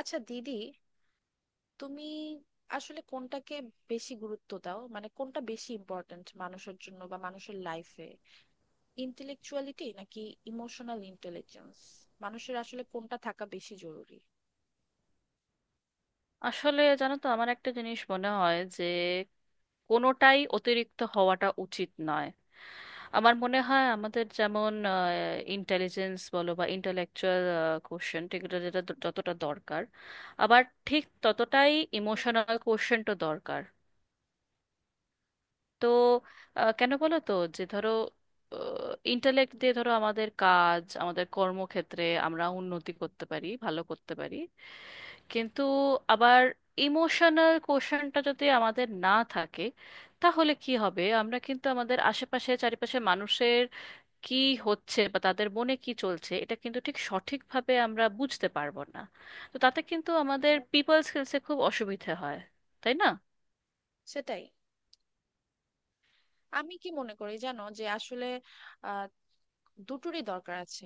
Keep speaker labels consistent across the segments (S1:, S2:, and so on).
S1: আচ্ছা দিদি, তুমি আসলে কোনটাকে বেশি গুরুত্ব দাও? মানে কোনটা বেশি ইম্পর্ট্যান্ট মানুষের জন্য বা মানুষের লাইফে, ইন্টেলেকচুয়ালিটি নাকি ইমোশনাল ইন্টেলিজেন্স? মানুষের আসলে কোনটা থাকা বেশি জরুরি?
S2: আসলে জানো তো, আমার একটা জিনিস মনে হয় যে কোনোটাই অতিরিক্ত হওয়াটা উচিত নয়। আমার মনে হয় আমাদের যেমন ইন্টেলিজেন্স বলো বা ইন্টালেকচুয়াল কোশ্চেন, এগুলো যেটা যতটা দরকার, আবার ঠিক ততটাই ইমোশনাল কোশ্চেনটা দরকার। তো কেন বলো তো, যে ধরো ইন্টালেক্ট দিয়ে, ধরো আমাদের কাজ, আমাদের কর্মক্ষেত্রে আমরা উন্নতি করতে পারি, ভালো করতে পারি। কিন্তু আবার ইমোশনাল কোশ্চেনটা যদি আমাদের না থাকে তাহলে কি হবে? আমরা কিন্তু আমাদের আশেপাশে চারিপাশে মানুষের কি হচ্ছে বা তাদের মনে কি চলছে, এটা কিন্তু ঠিক সঠিকভাবে আমরা বুঝতে পারবো না। তো তাতে কিন্তু আমাদের পিপল স্কিলসে খুব অসুবিধে হয়, তাই না?
S1: সেটাই। আমি কি মনে করি জানো, যে আসলে দুটোরই দরকার আছে।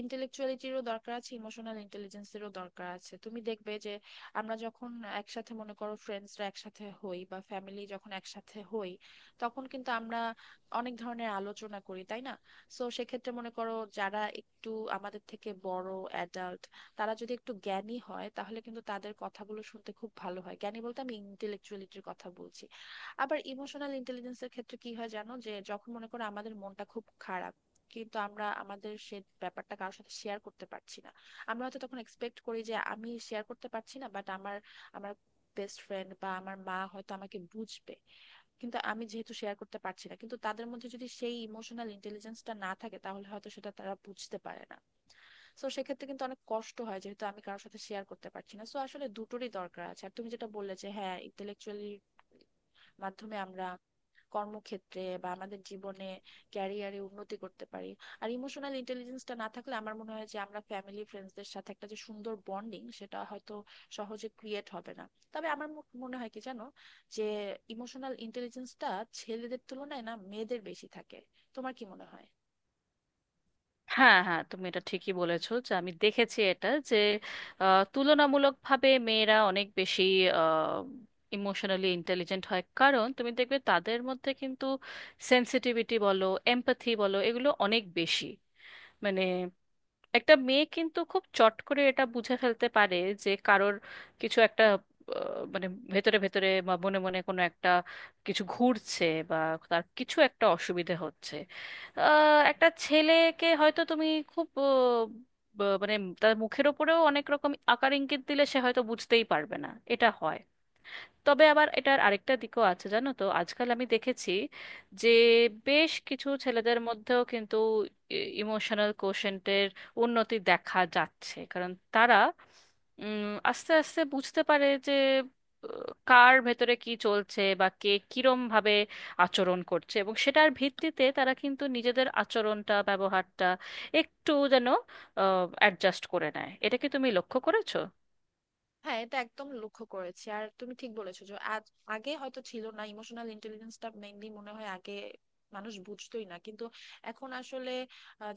S1: ইন্টেলেকচুয়ালিটিরও দরকার আছে, ইমোশনাল ইন্টেলিজেন্সেরও দরকার আছে। তুমি দেখবে যে আমরা যখন একসাথে, মনে করো ফ্রেন্ডসরা একসাথে হই বা ফ্যামিলি যখন একসাথে হই, তখন কিন্তু আমরা অনেক ধরনের আলোচনা করি, তাই না? সো সেক্ষেত্রে মনে করো যারা একটু আমাদের থেকে বড় অ্যাডাল্ট, তারা যদি একটু জ্ঞানী হয় তাহলে কিন্তু তাদের কথাগুলো শুনতে খুব ভালো হয়। জ্ঞানী বলতে আমি ইন্টেলেকচুয়ালিটির কথা বলছি। আবার ইমোশনাল ইন্টেলিজেন্সের ক্ষেত্রে কি হয় জানো, যে যখন মনে করো আমাদের মনটা খুব খারাপ, কিন্তু আমরা আমাদের সে ব্যাপারটা কারোর সাথে শেয়ার করতে পারছি না। আমরা হয়তো তখন এক্সপেক্ট করি যে আমি শেয়ার করতে পারছি না, বাট আমার আমার বেস্ট ফ্রেন্ড বা আমার মা হয়তো আমাকে বুঝবে। কিন্তু আমি যেহেতু শেয়ার করতে পারছি না, কিন্তু তাদের মধ্যে যদি সেই ইমোশনাল ইন্টেলিজেন্সটা না থাকে তাহলে হয়তো সেটা তারা বুঝতে পারে না। সো সেক্ষেত্রে কিন্তু অনেক কষ্ট হয়, যেহেতু আমি কারোর সাথে শেয়ার করতে পারছি না। সো আসলে দুটোরই দরকার আছে। আর তুমি যেটা বললে যে হ্যাঁ, ইন্টেলেকচুয়ালি মাধ্যমে আমরা কর্মক্ষেত্রে বা আমাদের জীবনে ক্যারিয়ারে উন্নতি করতে পারি। আর ইমোশনাল ইন্টেলিজেন্সটা না থাকলে আমার মনে হয় যে আমরা ফ্যামিলি ফ্রেন্ডসদের সাথে একটা যে সুন্দর বন্ডিং, সেটা হয়তো সহজে ক্রিয়েট হবে না। তবে আমার মনে হয় কি জানো, যে ইমোশনাল ইন্টেলিজেন্সটা ছেলেদের তুলনায় না মেয়েদের বেশি থাকে। তোমার কি মনে হয়?
S2: হ্যাঁ হ্যাঁ, তুমি এটা ঠিকই বলেছো, যে আমি দেখেছি এটা যে তুলনামূলকভাবে মেয়েরা অনেক বেশি ইমোশনালি ইন্টেলিজেন্ট হয়, কারণ তুমি দেখবে তাদের মধ্যে কিন্তু সেন্সিটিভিটি বলো, এমপ্যাথি বলো, এগুলো অনেক বেশি। মানে একটা মেয়ে কিন্তু খুব চট করে এটা বুঝে ফেলতে পারে যে কারোর কিছু একটা মানে ভেতরে ভেতরে বা মনে মনে কোনো একটা কিছু ঘুরছে বা তার কিছু একটা অসুবিধে হচ্ছে। একটা ছেলেকে হয়তো তুমি খুব মানে তার মুখের ওপরেও অনেক রকম আকার ইঙ্গিত দিলে সে হয়তো বুঝতেই পারবে না। এটা হয়। তবে আবার এটার আরেকটা দিকও আছে, জানো তো, আজকাল আমি দেখেছি যে বেশ কিছু ছেলেদের মধ্যেও কিন্তু ইমোশনাল কোশেন্টের উন্নতি দেখা যাচ্ছে, কারণ তারা উম, আস্তে আস্তে বুঝতে পারে যে আহ, কার ভেতরে কি চলছে বা কে কিরম ভাবে আচরণ করছে, এবং সেটার ভিত্তিতে তারা কিন্তু নিজেদের আচরণটা, ব্যবহারটা একটু যেন অ্যাডজাস্ট করে নেয়। এটা কি তুমি লক্ষ্য করেছো?
S1: হ্যাঁ, এটা একদম লক্ষ্য করেছি। আর তুমি ঠিক বলেছো যে আজ, আগে হয়তো ছিল না ইমোশনাল ইন্টেলিজেন্সটা, মেইনলি মনে হয় আগে মানুষ বুঝতোই না। কিন্তু এখন আসলে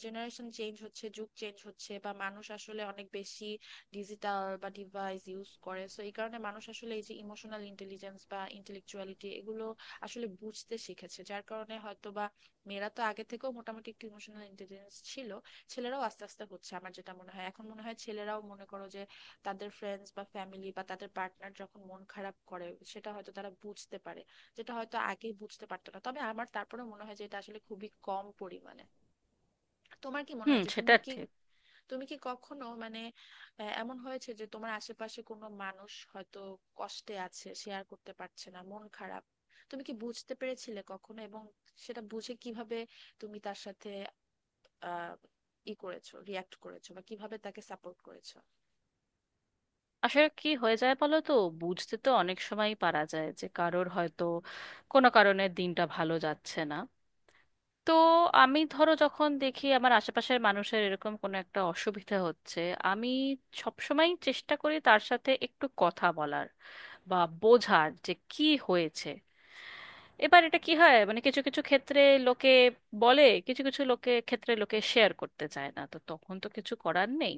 S1: জেনারেশন চেঞ্জ হচ্ছে, যুগ চেঞ্জ হচ্ছে, বা মানুষ আসলে অনেক বেশি ডিজিটাল বা ডিভাইস ইউজ করে। সো এই কারণে মানুষ আসলে এই যে ইমোশনাল ইন্টেলিজেন্স বা ইন্টেলেকচুয়ালিটি, এগুলো আসলে বুঝতে শিখেছে, যার কারণে হয়তো বা মেয়েরা তো আগে থেকেও মোটামুটি একটু ইমোশনাল ইন্টেলিজেন্স ছিল, ছেলেরাও আস্তে আস্তে হচ্ছে। আমার যেটা মনে হয় এখন, মনে হয় ছেলেরাও মনে করো যে তাদের ফ্রেন্ডস বা ফ্যামিলি বা তাদের পার্টনার যখন মন খারাপ করে সেটা হয়তো তারা বুঝতে পারে, যেটা হয়তো আগে বুঝতে পারতো না। তবে আমার তারপরে মনে হয় যে এটা আসলে খুবই কম পরিমাণে। তোমার কি মনে
S2: হুম,
S1: হয় যে তুমি
S2: সেটা
S1: কি
S2: ঠিক।
S1: তুমি কি কখনো, মানে এমন হয়েছে যে তোমার আশেপাশে কোনো মানুষ হয়তো কষ্টে আছে, শেয়ার করতে পারছে না, মন খারাপ, তুমি কি বুঝতে পেরেছিলে কখনো? এবং সেটা বুঝে কিভাবে তুমি তার সাথে আহ ই করেছো রিয়াক্ট করেছো, বা কিভাবে তাকে সাপোর্ট করেছো?
S2: আসলে কি হয়ে যায় বলো তো, বুঝতে তো অনেক সময়ই পারা যায় যে কারোর হয়তো কোনো কারণে দিনটা ভালো যাচ্ছে না। তো আমি ধরো যখন দেখি আমার আশেপাশের মানুষের এরকম কোনো একটা অসুবিধা হচ্ছে, আমি সবসময় চেষ্টা করি তার সাথে একটু কথা বলার, বা বোঝার যে কি হয়েছে। এবার এটা কি হয়, মানে কিছু কিছু ক্ষেত্রে লোকে বলে, কিছু কিছু লোকে ক্ষেত্রে লোকে শেয়ার করতে চায় না, তো তখন তো কিছু করার নেই।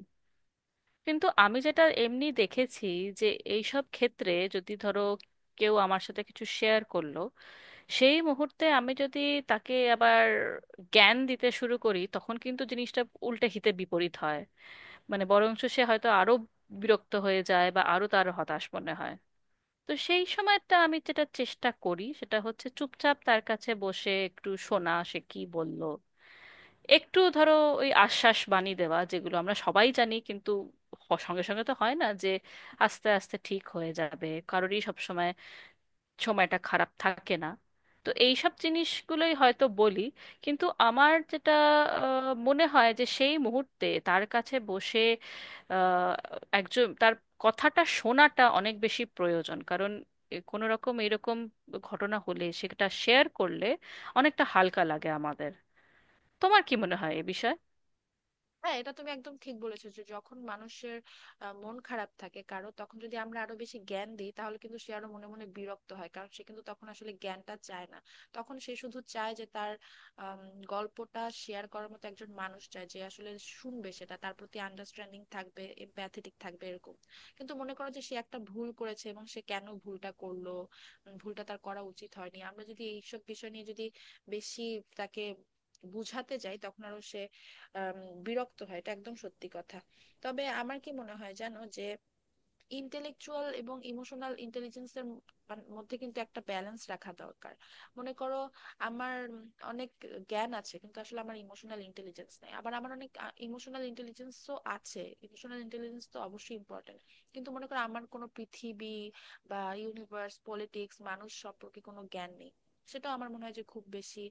S2: কিন্তু আমি যেটা এমনি দেখেছি যে এইসব ক্ষেত্রে যদি ধরো কেউ আমার সাথে কিছু শেয়ার করলো, সেই মুহূর্তে আমি যদি তাকে আবার জ্ঞান দিতে শুরু করি, তখন কিন্তু জিনিসটা উল্টে হিতে বিপরীত হয়। মানে বরঞ্চ সে হয়তো আরো বিরক্ত হয়ে যায় বা আরো তার হতাশ মনে হয়। তো সেই সময়টা আমি যেটা চেষ্টা করি সেটা হচ্ছে চুপচাপ তার কাছে বসে একটু শোনা সে কি বলল, একটু ধরো ওই আশ্বাস বাণী দেওয়া, যেগুলো আমরা সবাই জানি কিন্তু সঙ্গে সঙ্গে তো হয় না, যে আস্তে আস্তে ঠিক হয়ে যাবে, কারোরই সব সময় সময়টা খারাপ থাকে না। তো এই সব জিনিসগুলোই হয়তো বলি। কিন্তু আমার যেটা মনে হয় যে সেই মুহূর্তে তার কাছে বসে আহ, একজন তার কথাটা শোনাটা অনেক বেশি প্রয়োজন, কারণ এ কোনো রকম এরকম ঘটনা হলে সেটা শেয়ার করলে অনেকটা হালকা লাগে আমাদের। তোমার কি মনে হয় এ বিষয়ে?
S1: হ্যাঁ, এটা তুমি একদম ঠিক বলেছো যে যখন মানুষের মন খারাপ থাকে কারো, তখন যদি আমরা আরো বেশি জ্ঞান দিই তাহলে কিন্তু সে আরো মনে মনে বিরক্ত হয়, কারণ সে কিন্তু তখন আসলে জ্ঞানটা চায় না। তখন সে শুধু চায় যে তার আম, গল্পটা শেয়ার করার মতো একজন মানুষ, চায় যে আসলে শুনবে, সেটা তার প্রতি আন্ডারস্ট্যান্ডিং থাকবে, এম্প্যাথেটিক থাকবে এরকম। কিন্তু মনে করো যে সে একটা ভুল করেছে এবং সে কেন ভুলটা করলো, ভুলটা তার করা উচিত হয়নি। আমরা যদি এইসব বিষয় নিয়ে যদি বেশি তাকে বুঝাতে যাই, তখন আরো সে আম, বিরক্ত হয়। এটা একদম সত্যি কথা। তবে আমার কি মনে হয় জানো, যে ইন্টেলেকচুয়াল এবং ইমোশনাল ইন্টেলিজেন্সের মধ্যে কিন্তু একটা ব্যালেন্স রাখা দরকার। মনে করো আমার অনেক জ্ঞান আছে কিন্তু আসলে আমার ইমোশনাল ইন্টেলিজেন্স নাই, আবার আমার অনেক ইমোশনাল ইন্টেলিজেন্সও আছে। ইমোশনাল ইন্টেলিজেন্স তো অবশ্যই ইম্পর্টেন্ট, কিন্তু মনে করো আমার কোনো পৃথিবী বা ইউনিভার্স, পলিটিক্স, মানুষ সম্পর্কে কোনো জ্ঞান নেই, সেটাও আমার মনে হয় যে খুব বেশি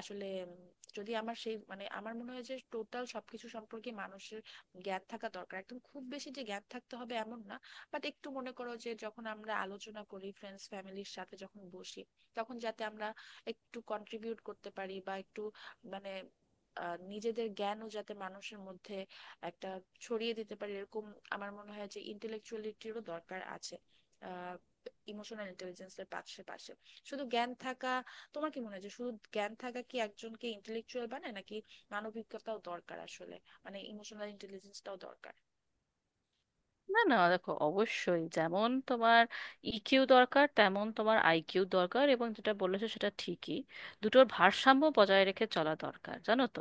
S1: আসলে, যদি আমার সেই, মানে আমার মনে হয় যে টোটাল সবকিছু সম্পর্কে মানুষের জ্ঞান থাকা দরকার। একদম খুব বেশি যে জ্ঞান থাকতে হবে এমন না, বাট একটু মনে করো যে যখন আমরা আলোচনা করি, ফ্রেন্ডস ফ্যামিলির সাথে যখন বসি, তখন যাতে আমরা একটু কন্ট্রিবিউট করতে পারি বা একটু, মানে নিজেদের জ্ঞানও যাতে মানুষের মধ্যে একটা ছড়িয়ে দিতে পারি এরকম। আমার মনে হয় যে ইন্টেলেকচুয়ালিটিরও দরকার আছে ইমোশনাল ইন্টেলিজেন্সের পাশে। শুধু জ্ঞান থাকা, তোমার কি মনে হয় যে শুধু জ্ঞান থাকা কি একজনকে ইন্টেলেকচুয়াল বানায়, নাকি মানবিকতাও দরকার আসলে? মানে ইমোশনাল ইন্টেলিজেন্সটাও দরকার?
S2: না না, দেখো, অবশ্যই, যেমন তোমার ইকিউ দরকার তেমন তোমার আইকিউ দরকার, এবং যেটা বলেছো সেটা ঠিকই, দুটোর ভারসাম্য বজায় রেখে চলা দরকার, জানো তো।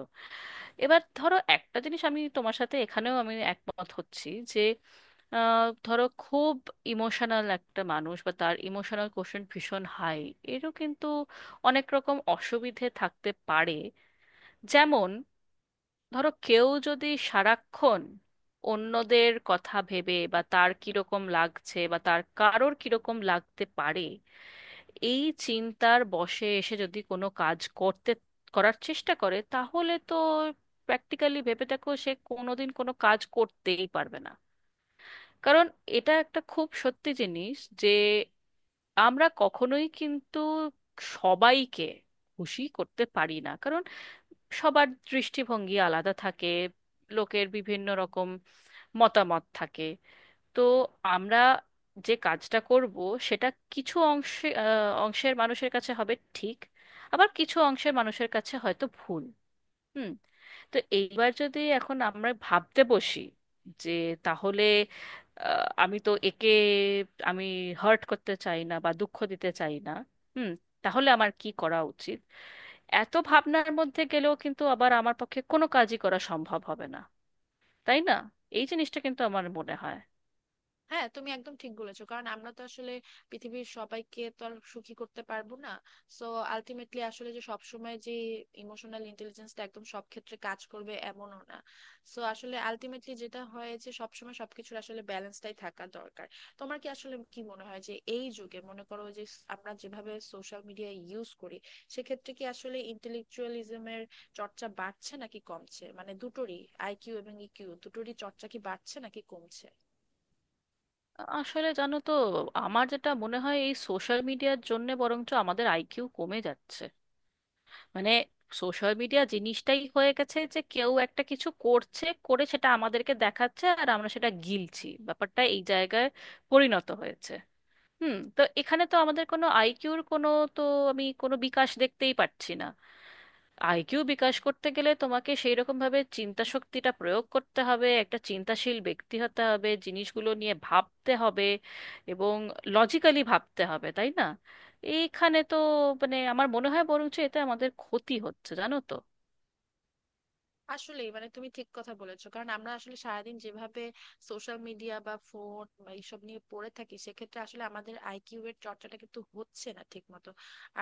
S2: এবার ধরো একটা জিনিস, আমি তোমার সাথে এখানেও আমি একমত হচ্ছি যে ধরো খুব ইমোশনাল একটা মানুষ, বা তার ইমোশনাল কোশ্চেন ভীষণ হাই, এরও কিন্তু অনেক রকম অসুবিধে থাকতে পারে। যেমন ধরো কেউ যদি সারাক্ষণ অন্যদের কথা ভেবে, বা তার কিরকম লাগছে বা তার কারোর কিরকম লাগতে পারে, এই চিন্তার বশে এসে যদি কোনো কাজ করতে করার চেষ্টা করে, তাহলে তো প্র্যাকটিক্যালি ভেবে দেখো সে কোনোদিন কোনো কাজ করতেই পারবে না। কারণ এটা একটা খুব সত্যি জিনিস যে আমরা কখনোই কিন্তু সবাইকে খুশি করতে পারি না, কারণ সবার দৃষ্টিভঙ্গি আলাদা থাকে, লোকের বিভিন্ন রকম মতামত থাকে। তো আমরা যে কাজটা করব, সেটা কিছু অংশে অংশের মানুষের কাছে হবে ঠিক, আবার কিছু অংশের মানুষের কাছে হয়তো ভুল। হুম। তো এইবার যদি এখন আমরা ভাবতে বসি যে, তাহলে আমি তো একে আমি হার্ট করতে চাই না বা দুঃখ দিতে চাই না, হুম, তাহলে আমার কি করা উচিত, এত ভাবনার মধ্যে গেলেও কিন্তু আবার আমার পক্ষে কোনো কাজই করা সম্ভব হবে না, তাই না? এই জিনিসটা কিন্তু আমার মনে হয়।
S1: হ্যাঁ, তুমি একদম ঠিক বলেছো, কারণ আমরা তো আসলে পৃথিবীর সবাইকে তো আর সুখী করতে পারবো না। সো আলটিমেটলি আসলে, যে সবসময় যে ইমোশনাল ইন্টেলিজেন্সটা একদম সব ক্ষেত্রে কাজ করবে এমনও না। সো আসলে আলটিমেটলি যেটা হয় যে সবসময় সবকিছুর আসলে ব্যালেন্সটাই থাকা দরকার। তোমার কি আসলে কি মনে হয় যে এই যুগে, মনে করো যে আমরা যেভাবে সোশ্যাল মিডিয়া ইউজ করি, সেক্ষেত্রে কি আসলে ইন্টেলেকচুয়ালিজমের চর্চা বাড়ছে নাকি কমছে? মানে দুটোরই, আইকিউ এবং ইকিউ দুটোরই চর্চা কি বাড়ছে নাকি কমছে?
S2: আসলে জানো তো, আমার যেটা মনে হয় এই সোশ্যাল মিডিয়ার জন্য বরঞ্চ আমাদের আইকিউ কমে যাচ্ছে। মানে সোশ্যাল মিডিয়া জিনিসটাই হয়ে গেছে যে কেউ একটা কিছু করছে, করে সেটা আমাদেরকে দেখাচ্ছে আর আমরা সেটা গিলছি, ব্যাপারটা এই জায়গায় পরিণত হয়েছে। হুম। তো এখানে তো আমাদের কোনো আইকিউর কোনো, তো আমি কোনো বিকাশ দেখতেই পাচ্ছি না। আইকিউ বিকাশ করতে গেলে তোমাকে সেই রকম ভাবে চিন্তা শক্তিটা প্রয়োগ করতে হবে, একটা চিন্তাশীল ব্যক্তি হতে হবে, জিনিসগুলো নিয়ে ভাবতে হবে, এবং লজিক্যালি ভাবতে হবে, তাই না? এইখানে তো মানে আমার মনে হয় বরঞ্চ এতে আমাদের ক্ষতি হচ্ছে, জানো তো।
S1: আসলে মানে তুমি ঠিক কথা বলেছো, কারণ আমরা আসলে সারাদিন যেভাবে সোশ্যাল মিডিয়া বা ফোন বা এইসব নিয়ে পড়ে থাকি, সেক্ষেত্রে আসলে আমাদের আইকিউ এর চর্চাটা কিন্তু হচ্ছে না ঠিক মতো।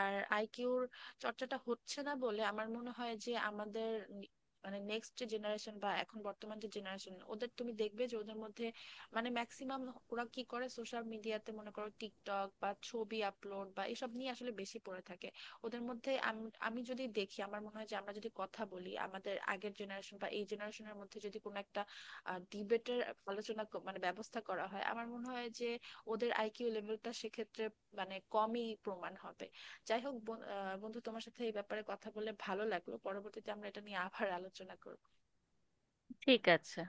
S1: আর আইকিউর চর্চাটা হচ্ছে না বলে আমার মনে হয় যে আমাদের নি- মানে নেক্সট যে জেনারেশন বা এখন বর্তমান যে জেনারেশন, ওদের তুমি দেখবে যে ওদের মধ্যে মানে ম্যাক্সিমাম ওরা কি করে সোশ্যাল মিডিয়াতে, মনে করো টিকটক বা ছবি আপলোড বা এসব নিয়ে আসলে বেশি পড়ে থাকে। ওদের মধ্যে আমি যদি দেখি, আমার মনে হয় যে আমরা যদি কথা বলি আমাদের আগের জেনারেশন বা এই জেনারেশনের মধ্যে, যদি কোনো একটা ডিবেটের আলোচনা ক- মানে ব্যবস্থা করা হয়, আমার মনে হয় যে ওদের আইকিউ লেভেলটা সেক্ষেত্রে মানে কমই প্রমাণ হবে। যাই হোক বন্ধু, তোমার সাথে এই ব্যাপারে কথা বলে ভালো লাগলো। পরবর্তীতে আমরা এটা নিয়ে আবার আলোচনা করবো।
S2: ঠিক আছে।